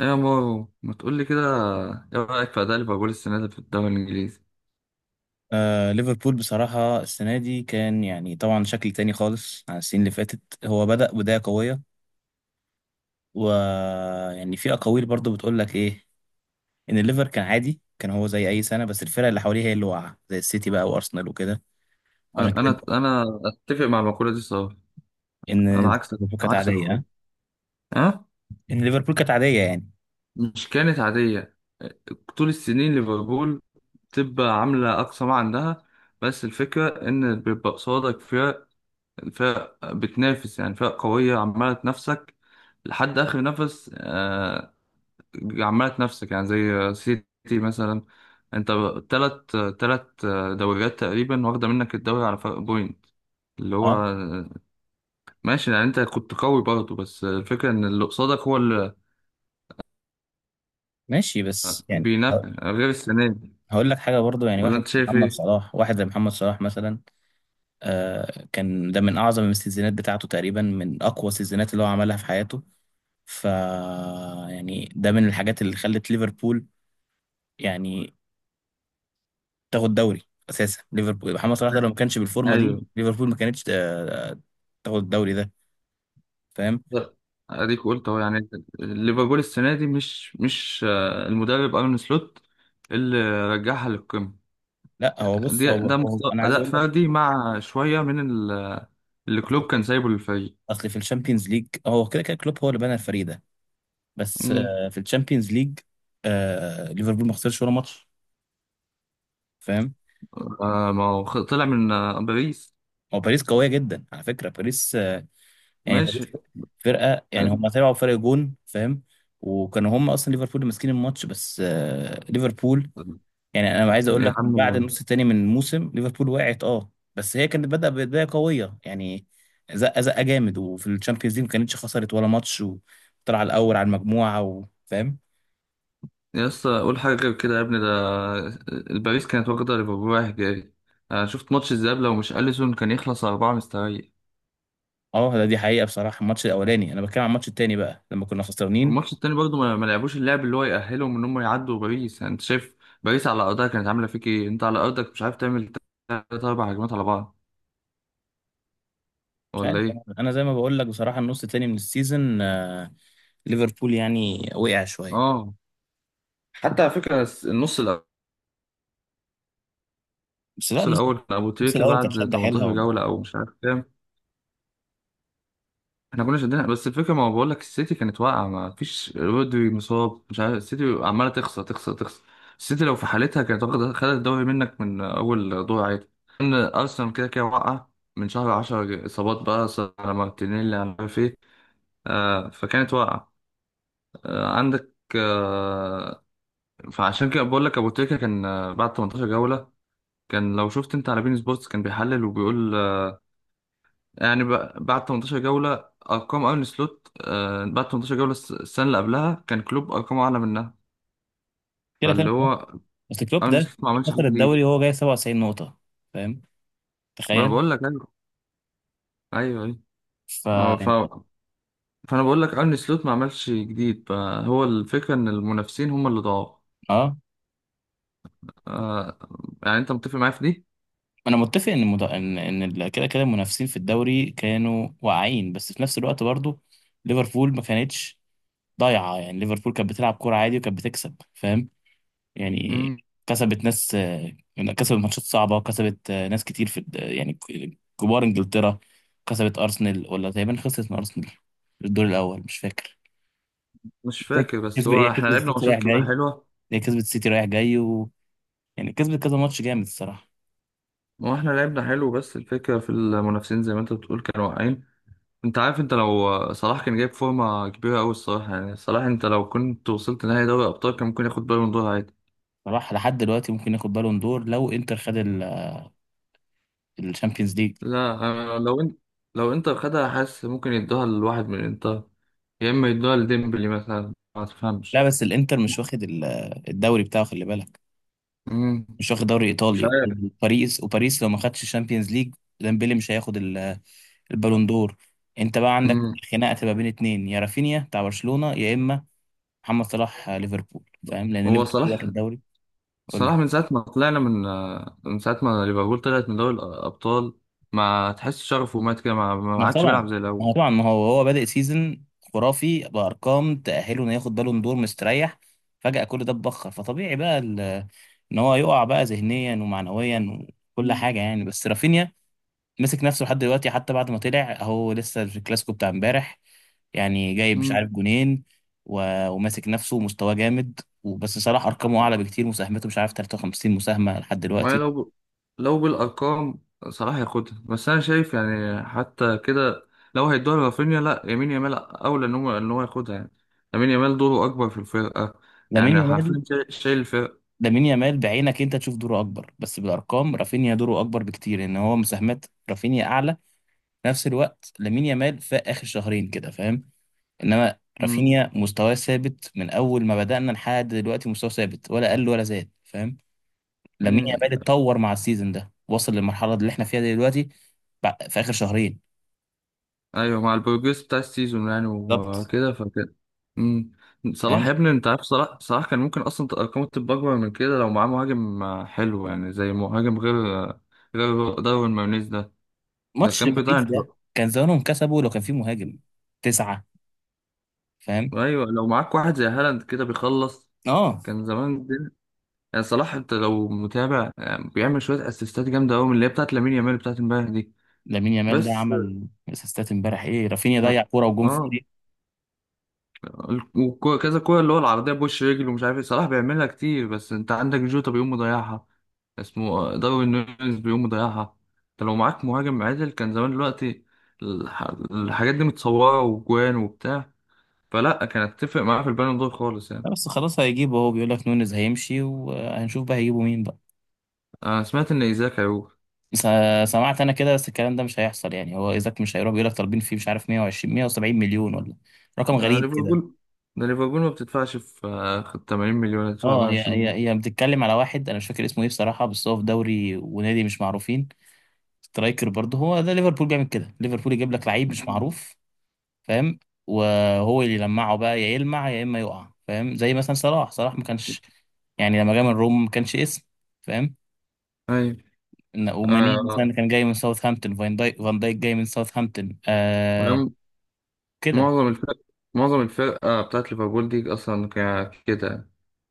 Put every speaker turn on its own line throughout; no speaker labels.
ايه يا مارو ما تقول لي كده؟ ايه رايك في اداء ليفربول السنه دي في الدوري الانجليزي؟
آه، ليفربول بصراحة السنة دي كان يعني طبعا شكل تاني خالص عن السنين اللي فاتت. هو بدأ بداية قوية، ويعني في أقاويل برضو بتقول لك إيه، إن الليفر كان عادي، كان هو زي أي سنة، بس الفرق اللي حواليه هي اللي واقعة، زي السيتي بقى وأرسنال وكده. فعشان
انا
كده،
انا أنا اتفق مع المقوله دي صراحه.
إن
انا عكسك
ليفربول كانت
عكسك
عادية،
خالص.
ها؟
ها.
إن ليفربول كانت عادية يعني.
مش كانت عاديه. طول السنين ليفربول بتبقى عامله اقصى ما عندها، بس الفكره ان بيبقى قصادك فرق بتنافس، يعني فرق قويه عماله تنافسك لحد اخر نفس، عمالة نفسك، يعني زي سيتي مثلا. انت تلت دوريات تقريبا واخدة منك الدوري على فرق بوينت، اللي هو
أه،
ماشي، يعني انت كنت قوي برضه، بس الفكرة ان اللي قصادك هو اللي
ماشي. بس يعني
بينافس، غير السنة دي.
هقول لك حاجة برضو. يعني
ولا
واحد
انت شايف
محمد
ايه؟
صلاح، واحد زي محمد صلاح مثلا، آه، كان ده من أعظم السيزونات بتاعته تقريبا، من أقوى السيزونات اللي هو عملها في حياته. ف يعني ده من الحاجات اللي خلت ليفربول يعني تاخد دوري. اساسا ليفربول، محمد صلاح ده لو ما كانش بالفورمه دي
ايوه.
ليفربول ما كانتش تاخد الدوري ده. فاهم؟
ده- اديك قلت اهو، يعني ليفربول السنة دي مش المدرب ارن سلوت اللي رجعها للقمة.
لا، هو بص،
دي
هو,
ده
هو انا عايز
أداء
اقول لك.
فردي مع شوية من اللي كلوب
اصل
كان سايبه للفريق.
أصل في الشامبيونز ليج هو كده كده كلوب هو اللي بنى الفريق ده. بس في الشامبيونز ليج ليفربول ما خسرش ولا ماتش. فاهم؟
آه، ما هو طلع من باريس.
هو باريس قويه جدا، على فكره باريس، يعني باريس
ماشي.
فرقه، يعني هم طلعوا بفرق جون. فاهم؟ وكانوا هم اصلا ليفربول اللي ماسكين الماتش. بس ليفربول، يعني انا عايز اقول
يا
لك من
عم،
بعد النص الثاني من الموسم ليفربول وقعت. اه بس هي كانت بدأ بدايه قويه يعني، زقه زقه جامد، وفي الشامبيونز ليج ما كانتش خسرت ولا ماتش وطلع الاول على المجموعه. وفاهم؟
يا اسطى قول حاجة غير كده يا ابني، ده الباريس كانت واخدة ليفربول رايح جاي. آه، شفت ماتش الذهاب؟ لو مش أليسون كان يخلص أربعة مستريح.
اه ده دي حقيقه، بصراحه الماتش الاولاني. انا بتكلم عن الماتش الثاني بقى لما كنا خسرانين.
والماتش التاني برضه ما لعبوش اللعب اللي هو يأهلهم إن هم يعدوا باريس، يعني أنت شايف باريس على أرضها كانت عاملة فيك إيه؟ أنت على أرضك مش عارف تعمل تلات أربع هجمات على بعض،
مش
ولا
عارف.
إيه؟
انا زي ما بقول لك بصراحه، النص الثاني من السيزون ليفربول يعني وقع شويه.
آه. حتى على فكرة النص الأول،
بس لا،
النص
نص
الأول كان أبو
نص
تريكة
الاول كانت
بعد
شد حيلها
18
والله.
جولة أو مش عارف كام. احنا كنا شدينا، بس الفكره ما بقول لك السيتي كانت واقعه، ما فيش رودري، مصاب، مش عارف، السيتي عماله تخسر تخسر تخسر. السيتي لو في حالتها كانت واخده خدت الدوري منك من اول دور عادي. ان ارسنال كده كده واقعه، من شهر 10 اصابات بقى صار، على مارتينيلي، على مش عارف ايه، آه، فكانت واقعه. آه، عندك آه. فعشان كده بقول لك ابو تريكه كان، بعد 18 جوله كان، لو شفت انت على بين سبورتس كان بيحلل وبيقول يعني، بعد 18 جولة أرقام أرن سلوت، بعد 18 جولة السنة اللي قبلها كان كلوب أرقامه أعلى منها.
كده كده
فاللي
كلوب.
هو
بس كلوب
أرن
ده
سلوت ما عملش حاجة
خسر الدوري
جديد.
وهو جاي 97 نقطة. فاهم؟
ما أنا
تخيل.
بقول لك أيوه. أيوه، أيوه.
ف
آه، ف...
يعني.
فأنا بقول لك أرن سلوت ما عملش جديد، فهو الفكرة إن المنافسين هم اللي ضاعوا.
اه
آه، يعني أنت متفق معايا في دي؟
انا متفق ان مد... ان ان ال- كده كده المنافسين في الدوري كانوا واعيين، بس في نفس الوقت برضو ليفربول ما كانتش ضايعة. يعني ليفربول كانت بتلعب كورة عادي وكانت بتكسب. فاهم؟ يعني
مم.
كسبت ناس، كسبت ماتشات صعبة، كسبت ناس كتير في يعني كبار انجلترا. كسبت ارسنال، ولا تقريبا خسرت من ارسنال في الدور الاول، مش فاكر.
مش فاكر، بس
كسبت،
هو إحنا لعبنا ماتشات كبيرة حلوة.
هي كسبت السيتي رايح جاي، يعني كسبت كذا ماتش جامد الصراحة.
هو إحنا لعبنا حلو، بس الفكرة في المنافسين زي ما أنت بتقول، كانوا واقعين. انت عارف، انت لو صلاح كان جايب فورمة كبيرة قوي الصراحة، يعني صلاح انت لو كنت وصلت نهائي دوري ابطال كان ممكن ياخد بالون دور عادي.
صلاح لحد دلوقتي ممكن ياخد بالون دور لو انتر خد الشامبيونز ليج.
لا، انا لو انت، لو انتر خدها حاسس ممكن يدوها لواحد من انتر، يا اما يدوها لديمبلي مثلا، ما
لا
تفهمش.
بس، الانتر مش واخد الدوري بتاعه، خلي بالك.
مم.
مش واخد دوري
مش
ايطالي،
عارف.
وباريس، وباريس لو ما خدش الشامبيونز ليج ديمبلي مش هياخد البالون دور. انت بقى عندك
مم.
خناقه تبقى بين اتنين، يا رافينيا بتاع برشلونه يا اما محمد صلاح، ليفربول، فاهم، لان
هو
ليفربول
صلاح،
واخد دوري. قول
صلاح
لي.
من ساعة ما طلعنا من، من ساعة ما ليفربول طلعت من دوري الأبطال، ما تحس شغفه مات كده، ما
ما
عادش بيلعب
طبعا،
زي
ما هو
الأول.
طبعا، ما هو هو بادئ سيزون خرافي بارقام تاهله انه ياخد بالون دور مستريح، فجاه كل ده اتبخر. فطبيعي بقى ان هو يقع بقى ذهنيا ومعنويا وكل
مم.
حاجه يعني. بس رافينيا مسك نفسه لحد دلوقتي، حتى بعد ما طلع هو لسه في الكلاسيكو بتاع امبارح، يعني جايب مش
مم.
عارف جونين و- وماسك نفسه ومستواه جامد. وبس، صلاح ارقامه اعلى بكتير، مساهمته مش عارف 53 مساهمه لحد
ما
دلوقتي.
لو ب... لو بالأرقام صلاح هياخدها، بس أنا شايف يعني حتى كده لو هيدوها لرافينيا، لا، يمين يامال أولى إن هو ياخدها يعني. يمين يامال دوره أكبر في الفرقة،
لامين
يعني
يامال
حرفيا شايل شايل الفرقة.
لامين يامال بعينك انت تشوف دوره اكبر، بس بالارقام رافينيا دوره اكبر بكتير، ان هو مساهمات رافينيا اعلى. في نفس الوقت لامين يامال في اخر شهرين كده. فاهم؟ انما
مم.
رافينيا مستواه ثابت من اول ما بدأنا لحد دلوقتي، مستواه ثابت ولا قل ولا زاد. فاهم؟ لامين
مم.
يامال اتطور مع السيزون ده، وصل للمرحله اللي احنا فيها دلوقتي في اخر شهرين.
أيوه، مع البروجريس بتاع السيزون يعني،
بالظبط.
وكده فكده. مم. صلاح يا
فاهم؟
ابني، أنت عارف صلاح كان ممكن أصلا أرقامه تبقى أكبر من كده لو معاه مهاجم حلو، يعني زي مهاجم غير داروين مارينيز ده، ده
ماتش
كان بيضيع.
باريس ده كان زمانهم كسبوا لو كان في مهاجم تسعة. فاهم؟
ايوه، لو معاك واحد زي هالاند كده بيخلص،
اه.
كان زمان الدنيا. يعني صلاح انت لو متابع، يعني بيعمل شويه اسيستات جامده قوي من اللي هي بتاعت لامين يامال بتاعت امبارح دي،
لامين يامال ده
بس.
عمل اسيستات امبارح ايه؟ رافينيا ضيع كوره وجون
اه،
فاضي.
وكذا كوره اللي هو العرضيه، بوش رجل ومش عارف ايه، صلاح بيعملها كتير، بس انت عندك جوتا بيقوم مضيعها، اسمه داروين نونيز بيقوم مضيعها. انت لو معاك مهاجم عادل كان زمان دلوقتي الح- الحاجات دي متصوره وجوان وبتاع، فلا كانت تفرق معاه في البالون دور خالص يعني.
لا بس خلاص هيجيبه، هو بيقول لك نونيز هيمشي وهنشوف بقى هيجيبوا مين بقى.
انا سمعت ان ايزاك هيروح.
بس سمعت انا كده، بس الكلام ده مش هيحصل يعني، هو ايزاك مش هيروح، بيقول لك طالبين فيه مش عارف 120 170 مليون، ولا رقم
ده
غريب كده.
ليفربول ده ليفربول ما بتدفعش في، 80 مليون هتدفع
اه، هي
120 مليون.
هي هي بتتكلم على واحد انا مش فاكر اسمه ايه بصراحه، بس هو في دوري ونادي مش معروفين. سترايكر برضه. هو ده ليفربول بيعمل كده، ليفربول يجيب لك لعيب مش
مم.
معروف. فاهم؟ وهو اللي يلمعه بقى، يا يلمع يا اما يقع. فاهم؟ زي مثلا صلاح ما كانش يعني، لما جه من روم ما كانش اسم. فاهم؟
ايوه،
وماني مثلا
آه.
كان جاي من ساوثهامبتون. فان دايك جاي من ساوثهامبتون. آه،
وعم-
كده.
معظم الفرق، معظم الفرقة بتاعت ليفربول دي أصلا كده.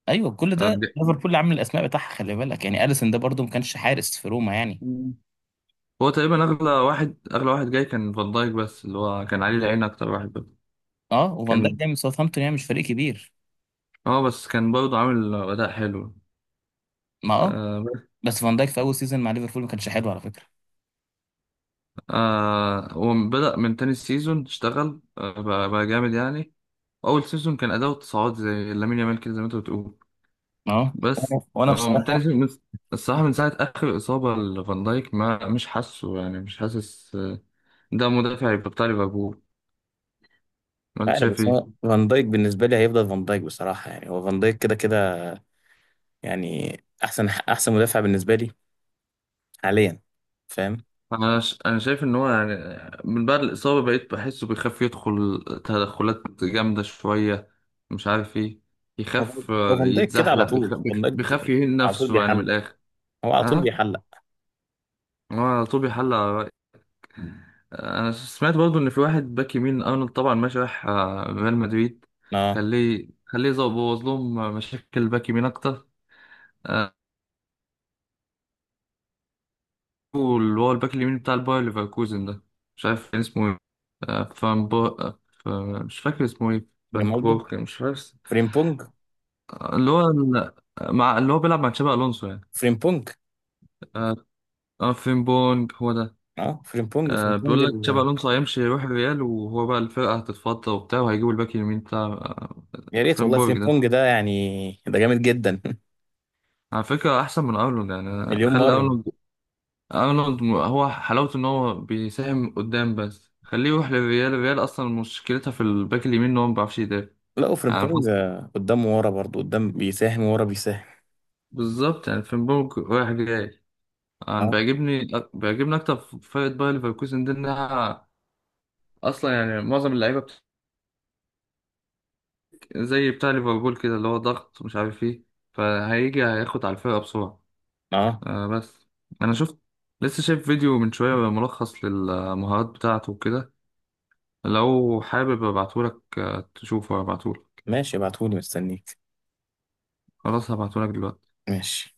ايوه، كل
آه،
ده
دي-
ليفربول اللي عامل الاسماء بتاعها، خلي بالك، يعني اليسون ده برضه ما كانش حارس في روما يعني.
مم. هو تقريبا أغلى واحد، أغلى واحد جاي كان فان دايك، بس اللي هو كان عليه العين أكتر واحد. بس
اه. وفان دايك
كان،
جاي من ساوثهامبتون، يعني مش فريق كبير.
اه، بس كان برضه عامل أداء حلو.
ما
آه بس-
بس فان دايك في اول سيزون مع ليفربول ما كانش حلو على فكره.
آه، وبدأ من تاني سيزون اشتغل، آه، بقى جامد يعني. أول سيزون كان أداؤه تصاعد زي لامين يامال كده، زي ما أنت بتقول.
ما
بس
وانا وأنا
هو من تاني
بصراحه
من، الصراحة من ساعة آخر إصابة لفان دايك ما مش حاسه، يعني مش حاسس، آه، ده مدافع يبقى بتاع ليفربول.
مش
وأنت
عارف.
شايف
بس
إيه؟
هو فان دايك بالنسبه لي هيفضل فان دايك بصراحه، يعني هو فان دايك كده كده يعني احسن احسن مدافع بالنسبه لي حاليا. فاهم؟
أنا شايف إن هو، يعني من بعد الإصابة بقيت بحسه بيخاف يدخل تدخلات جامدة شوية، مش عارف إيه،
هو
يخاف،
هو فان دايك كده على
يتزحلق،
طول.
بيخاف، بيخاف يهين
على طول
نفسه يعني من
بيحلق.
الآخر.
هو على طول
ها؟
بيحلق.
هو على طول بيحلق. انا سمعت برضو ان في واحد باك يمين، ارنولد طبعا ماشي راح ريال مدريد،
اه،
خليه بوظ لهم مشاكل باك يمين اكتر، آه، واللي هو الباك اليمين بتاع الباير ليفركوزن ده، مش عارف كان اسمه ايه. آه، فان بو... آه، ف- مش فاكر اسمه ايه، فان
ريمالدو،
كوبورك مش فاكر.
فريمبونج
آه، اللي هو ال- مع اللي هو بيلعب مع تشابي الونسو يعني.
فريمبونج
آه، آه، فين بونج هو ده.
اه، فريمبونج،
آه، بيقول لك تشابي الونسو هيمشي يروح الريال، وهو بقى الفرقه هتتفضى وبتاع، وهيجيبوا الباك اليمين بتاع، آه،
يا ريت
فين
والله
بورج ده،
فريمبونج ده، يعني ده جامد جدا
على فكرة أحسن من أرنولد يعني.
مليون
خلي
مره.
أرنولد، أرنولد هو حلاوته إن هو بيساهم قدام، بس خليه يروح للريال، الريال أصلا مشكلتها في الباك اليمين إن هو ما بيعرفش يدافع.
لا،
يعني
وفريمبونج قدام ورا برضو، قدام بيساهم ورا بيساهم.
بالظبط، يعني فنبرج رايح جاي. أنا
اه.
بيعجبني بيعجبني أكتر في فرقة باير ليفركوزن دي، إنها أصلا يعني معظم اللعيبة زي بتاع ليفربول كده، اللي هو ضغط ومش عارف إيه، فهيجي هياخد على الفرقة بسرعة.
اه،
آه، بس أنا شفت، لسه شايف فيديو من شوية، ملخص للمهارات بتاعته وكده، لو حابب ابعتهولك، تشوفه، ابعتهولك.
ماشي، ابعتهولي مستنيك.
خلاص هبعتهولك دلوقتي.
ماشي.